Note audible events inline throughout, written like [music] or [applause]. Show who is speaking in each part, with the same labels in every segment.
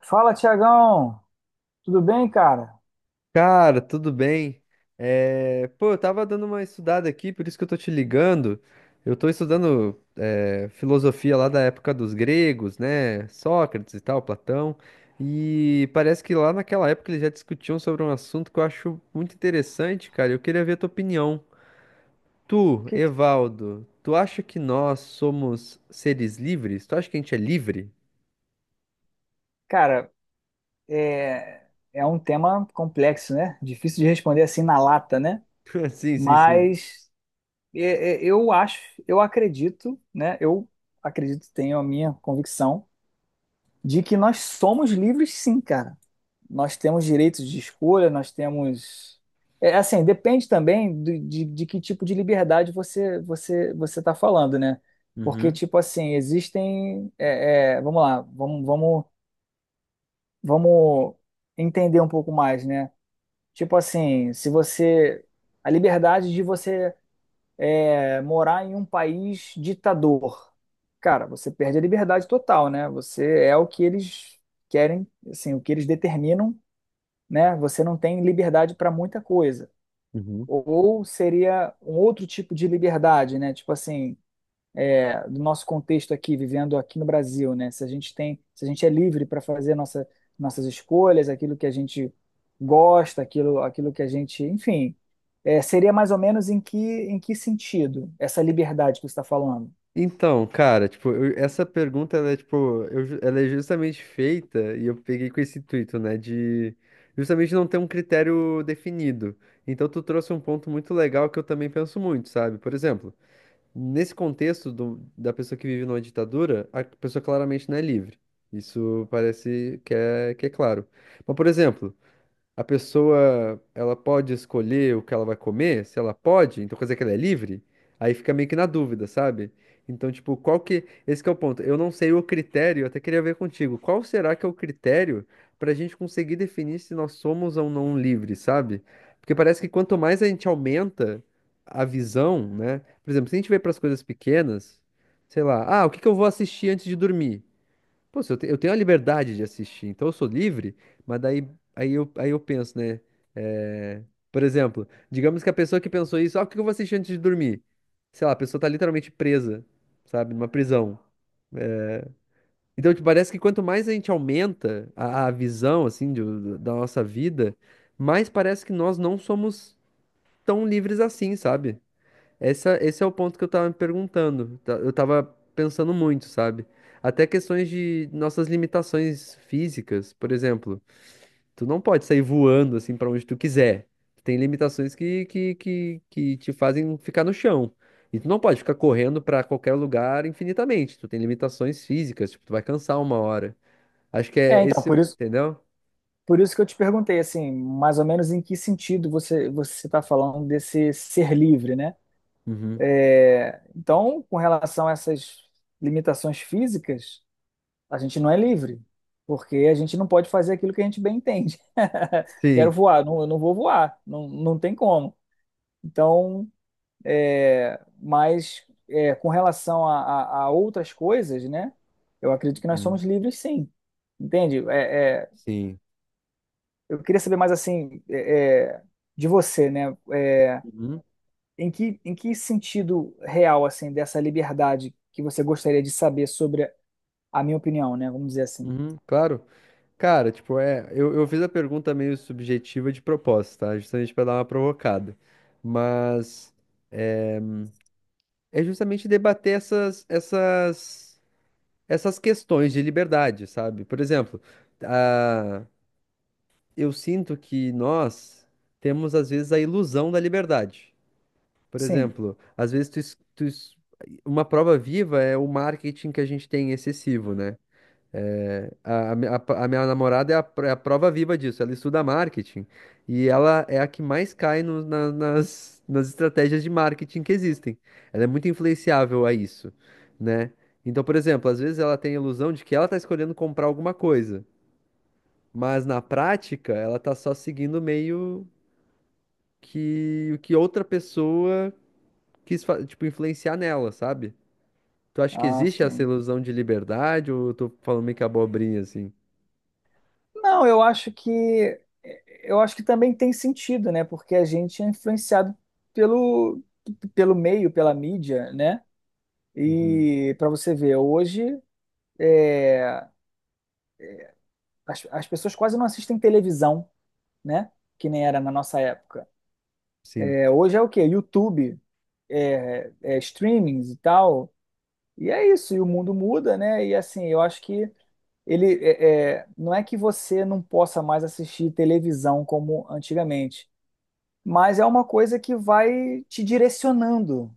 Speaker 1: Fala, Tiagão! Tudo bem, cara?
Speaker 2: Cara, tudo bem? Pô, eu tava dando uma estudada aqui, por isso que eu tô te ligando. Eu tô estudando filosofia lá da época dos gregos, né? Sócrates e tal, Platão. E parece que lá naquela época eles já discutiam sobre um assunto que eu acho muito interessante, cara. Eu queria ver a tua opinião. Tu,
Speaker 1: Que que-
Speaker 2: Evaldo, tu acha que nós somos seres livres? Tu acha que a gente é livre?
Speaker 1: cara, é, um tema complexo, né? Difícil de responder assim na lata, né?
Speaker 2: [laughs] Sim, sim, sim.
Speaker 1: Mas é, é, eu acho, eu acredito, né? Eu acredito, tenho a minha convicção de que nós somos livres, sim, cara. Nós temos direitos de escolha, nós temos. É, assim, depende também de que tipo de liberdade você está falando, né? Porque,
Speaker 2: Uhum.
Speaker 1: tipo assim, existem. Vamos lá, vamos entender um pouco mais, né? Tipo assim, se você. A liberdade de você morar em um país ditador. Cara, você perde a liberdade total, né? Você é o que eles querem, assim, o que eles determinam, né? Você não tem liberdade para muita coisa.
Speaker 2: Uhum.
Speaker 1: Ou seria um outro tipo de liberdade, né? Tipo assim, do nosso contexto aqui, vivendo aqui no Brasil, né? Se a gente tem, se a gente é livre para fazer nossa, nossas escolhas, aquilo que a gente gosta, aquilo, aquilo que a gente, enfim, seria mais ou menos em que sentido essa liberdade que você está falando?
Speaker 2: Então, cara, tipo, essa pergunta, ela é, tipo, ela é justamente feita, e eu peguei com esse intuito, né, de justamente não ter um critério definido. Então, tu trouxe um ponto muito legal que eu também penso muito, sabe? Por exemplo, nesse contexto da pessoa que vive numa ditadura, a pessoa claramente não é livre. Isso parece que é claro. Mas, por exemplo, a pessoa ela pode escolher o que ela vai comer, se ela pode, então quer dizer que ela é livre, aí fica meio que na dúvida, sabe? Então, tipo, qual que. Esse que é o ponto. Eu não sei o critério, eu até queria ver contigo. Qual será que é o critério pra gente conseguir definir se nós somos ou não livres, sabe? Porque parece que quanto mais a gente aumenta a visão, né? Por exemplo, se a gente vê para as coisas pequenas, sei lá, ah, o que que eu vou assistir antes de dormir? Pô, se eu, te- eu tenho a liberdade de assistir, então eu sou livre, mas daí aí eu penso, né? eh, por exemplo, digamos que a pessoa que pensou isso, ah, o que eu vou assistir antes de dormir? Sei lá, a pessoa tá literalmente presa, sabe, numa prisão. Então, te parece que quanto mais a gente aumenta a visão, assim, da nossa vida, mais parece que nós não somos tão livres assim, sabe? Esse é o ponto que eu tava me perguntando. Eu tava pensando muito, sabe? Até questões de nossas limitações físicas, por exemplo, tu não pode sair voando assim pra onde tu quiser. Tem limitações que te fazem ficar no chão. E tu não pode ficar correndo pra qualquer lugar infinitamente. Tu tem limitações físicas, tipo, tu vai cansar uma hora. Acho que
Speaker 1: É,
Speaker 2: é
Speaker 1: então,
Speaker 2: esse, entendeu?
Speaker 1: por isso que eu te perguntei, assim, mais ou menos em que sentido você está falando desse ser livre, né?
Speaker 2: Uhum.
Speaker 1: Então, com relação a essas limitações físicas, a gente não é livre, porque a gente não pode fazer aquilo que a gente bem entende. [laughs] Quero
Speaker 2: Sim.
Speaker 1: voar, não, eu não vou voar, não, não tem como. Então, com relação a, a outras coisas, né? Eu acredito que nós
Speaker 2: Uhum.
Speaker 1: somos livres, sim. Entende?
Speaker 2: Sim.
Speaker 1: Eu queria saber mais assim de você, né?
Speaker 2: Uhum.
Speaker 1: Em que sentido real assim dessa liberdade que você gostaria de saber sobre a minha opinião, né? Vamos dizer assim.
Speaker 2: Uhum. Claro. Cara, tipo, eu fiz a pergunta meio subjetiva de propósito, tá? Justamente pra dar uma provocada. Mas é justamente debater essas questões de liberdade, sabe? Por exemplo, a, eu sinto que nós temos, às vezes, a ilusão da liberdade. Por
Speaker 1: Sim.
Speaker 2: exemplo, às vezes uma prova viva é o marketing que a gente tem excessivo, né? É, a minha namorada é a prova viva disso. Ela estuda marketing e ela é a que mais cai nas estratégias de marketing que existem. Ela é muito influenciável a isso, né? Então, por exemplo, às vezes ela tem a ilusão de que ela está escolhendo comprar alguma coisa, mas na prática ela está só seguindo meio que o que outra pessoa quis, tipo, influenciar nela, sabe? Tu acha que
Speaker 1: Ah,
Speaker 2: existe essa
Speaker 1: sim.
Speaker 2: ilusão de liberdade ou eu tô falando meio que abobrinha assim?
Speaker 1: Não, eu acho que também tem sentido, né? Porque a gente é influenciado pelo pelo meio, pela mídia, né?
Speaker 2: Uhum,
Speaker 1: E para você ver, hoje as, as pessoas quase não assistem televisão, né? Que nem era na nossa época.
Speaker 2: Sim.
Speaker 1: É, hoje é o quê? YouTube, streamings e tal. E é isso, e o mundo muda, né? E assim, eu acho que não é que você não possa mais assistir televisão como antigamente, mas é uma coisa que vai te direcionando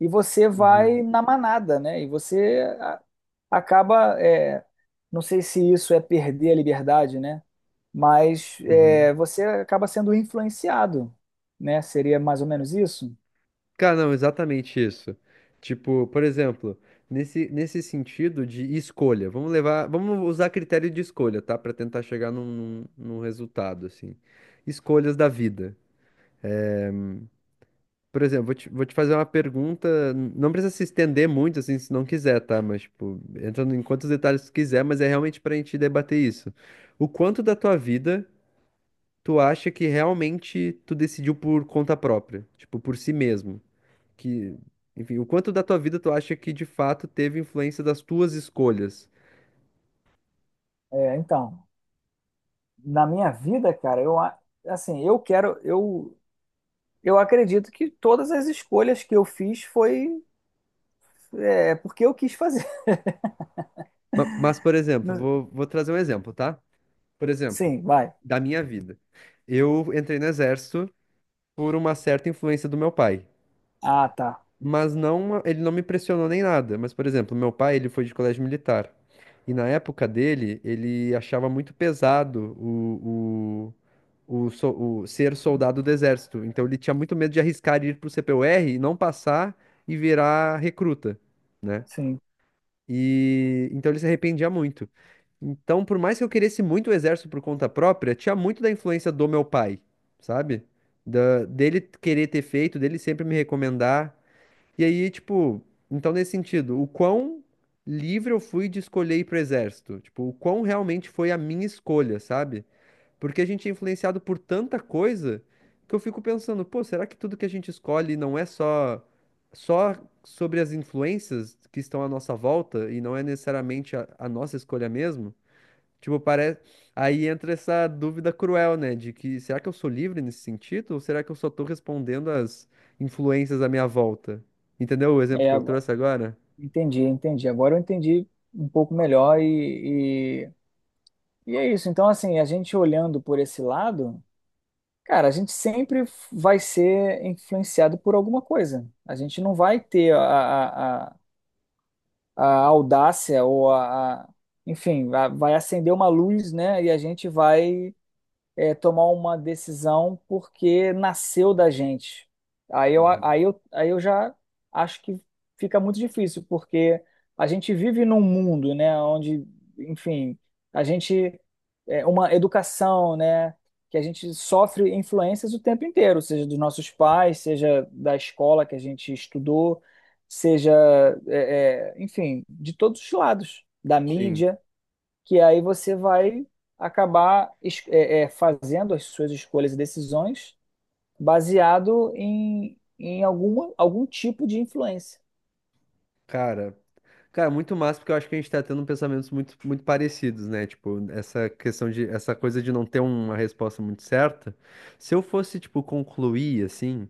Speaker 1: e você
Speaker 2: Uhum,
Speaker 1: vai na manada, né? E acaba, não sei se isso é perder a liberdade, né? Mas
Speaker 2: uhum.
Speaker 1: é, você acaba sendo influenciado, né? Seria mais ou menos isso?
Speaker 2: Cara, não, exatamente isso. Tipo, por exemplo, nesse sentido de escolha, vamos levar, vamos usar critério de escolha, tá? Pra tentar chegar num resultado, assim. Escolhas da vida. Por exemplo, vou te fazer uma pergunta, não precisa se estender muito, assim, se não quiser, tá? Mas, tipo, entrando em quantos detalhes tu quiser, mas é realmente pra gente debater isso. O quanto da tua vida tu acha que realmente tu decidiu por conta própria? Tipo, por si mesmo? Que, enfim, o quanto da tua vida tu acha que de fato teve influência das tuas escolhas?
Speaker 1: É, então, na minha vida, cara, assim, eu quero, eu acredito que todas as escolhas que eu fiz foi é porque eu quis fazer. [laughs]
Speaker 2: Mas, por exemplo,
Speaker 1: Não-
Speaker 2: vou trazer um exemplo, tá? Por exemplo,
Speaker 1: Sim, vai.
Speaker 2: da minha vida. Eu entrei no exército por uma certa influência do meu pai.
Speaker 1: Ah, tá.
Speaker 2: Mas não, ele não me pressionou nem nada. Mas, por exemplo, meu pai, ele foi de colégio militar. E na época dele, ele achava muito pesado o, o, so- o ser soldado do exército. Então ele tinha muito medo de arriscar ir pro CPUR e não passar e virar recruta, né?
Speaker 1: Sim.
Speaker 2: E então ele se arrependia muito. Então, por mais que eu queresse muito o exército por conta própria, tinha muito da influência do meu pai, sabe? Dele querer ter feito, dele sempre me recomendar. E aí, tipo, então nesse sentido, o quão livre eu fui de escolher ir pro exército? Tipo, o quão realmente foi a minha escolha, sabe? Porque a gente é influenciado por tanta coisa que eu fico pensando, pô, será que tudo que a gente escolhe não é só só sobre as influências que estão à nossa volta e não é necessariamente a nossa escolha mesmo? Tipo, parece. Aí entra essa dúvida cruel, né? De que será que eu sou livre nesse sentido? Ou será que eu só tô respondendo às influências à minha volta? Entendeu o exemplo
Speaker 1: É,
Speaker 2: que eu
Speaker 1: agora-
Speaker 2: trouxe agora?
Speaker 1: entendi, entendi. Agora eu entendi um pouco melhor e é isso. Então, assim, a gente olhando por esse lado, cara, a gente sempre vai ser influenciado por alguma coisa. A gente não vai ter a audácia ou enfim, vai acender uma luz, né? E a gente vai, tomar uma decisão porque nasceu da gente. Aí eu já acho que fica muito difícil, porque a gente vive num mundo, né, onde, enfim, a gente é uma educação, né, que a gente sofre influências o tempo inteiro, seja dos nossos pais, seja da escola que a gente estudou, seja, enfim, de todos os lados, da
Speaker 2: Sim.
Speaker 1: mídia, que aí você vai acabar fazendo as suas escolhas e decisões baseado em, em alguma, algum tipo de influência.
Speaker 2: Cara. Cara, muito massa, porque eu acho que a gente tá tendo pensamentos muito parecidos, né? Tipo, essa questão de, essa coisa de não ter uma resposta muito certa. Se eu fosse, tipo, concluir, assim.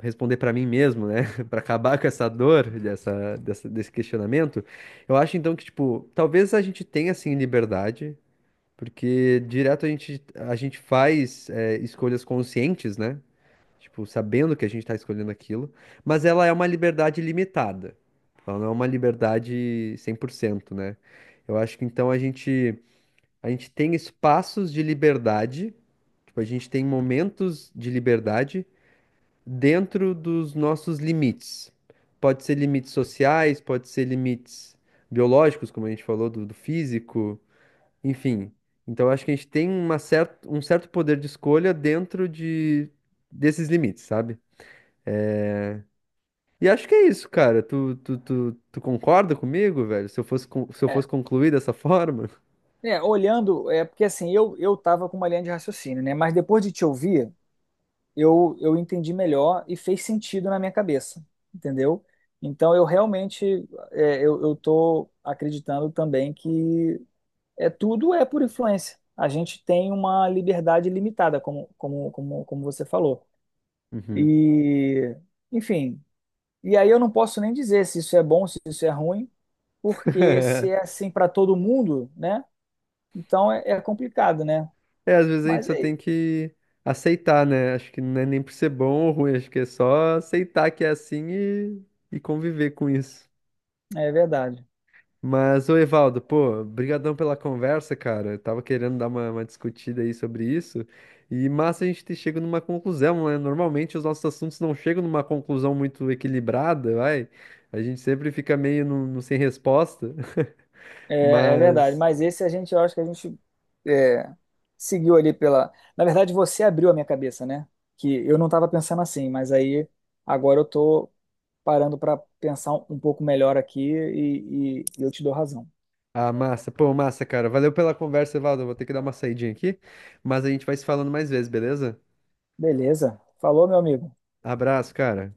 Speaker 2: Responder para mim mesmo, né? [laughs] Para acabar com essa dor, desse questionamento, eu acho então que, tipo, talvez a gente tenha assim liberdade, porque direto a gente faz escolhas conscientes, né? Tipo, sabendo que a gente está escolhendo aquilo, mas ela é uma liberdade limitada. Ela não é uma liberdade 100%, né? Eu acho que então a gente tem espaços de liberdade, tipo, a gente tem momentos de liberdade dentro dos nossos limites. Pode ser limites sociais, pode ser limites biológicos, como a gente falou, do físico, enfim. Então, acho que a gente tem uma um certo poder de escolha dentro de, desses limites, sabe? E acho que é isso, cara. Tu concorda comigo, velho? Se eu fosse, se eu
Speaker 1: É,
Speaker 2: fosse concluir dessa forma?
Speaker 1: é porque assim, eu estava com uma linha de raciocínio, né? Mas depois de te ouvir, eu entendi melhor e fez sentido na minha cabeça, entendeu? Então eu realmente, eu tô acreditando também que tudo é por influência. A gente tem uma liberdade limitada, como você falou.
Speaker 2: Uhum.
Speaker 1: E, enfim, e aí eu não posso nem dizer se isso é bom, se isso é ruim, porque se é
Speaker 2: [laughs]
Speaker 1: assim para todo mundo, né? Então é complicado, né?
Speaker 2: É, às vezes a gente
Speaker 1: Mas
Speaker 2: só
Speaker 1: é,
Speaker 2: tem que aceitar, né? Acho que não é nem por ser bom ou ruim, acho que é só aceitar que é assim e conviver com isso.
Speaker 1: é verdade.
Speaker 2: Mas, ô Evaldo, pô, brigadão pela conversa, cara. Eu tava querendo dar uma discutida aí sobre isso. E massa a gente ter chegado numa conclusão, né? Normalmente os nossos assuntos não chegam numa conclusão muito equilibrada, vai. A gente sempre fica meio no sem resposta. [laughs]
Speaker 1: É, é verdade.
Speaker 2: Mas
Speaker 1: Mas esse a gente, eu acho que é, seguiu ali pela. Na verdade, você abriu a minha cabeça, né? Que eu não estava pensando assim, mas aí agora eu tô parando para pensar um pouco melhor aqui e eu te dou razão.
Speaker 2: ah, massa. Pô, massa, cara. Valeu pela conversa, Evaldo. Eu vou ter que dar uma saidinha aqui, mas a gente vai se falando mais vezes, beleza?
Speaker 1: Beleza. Falou, meu amigo.
Speaker 2: Abraço, cara.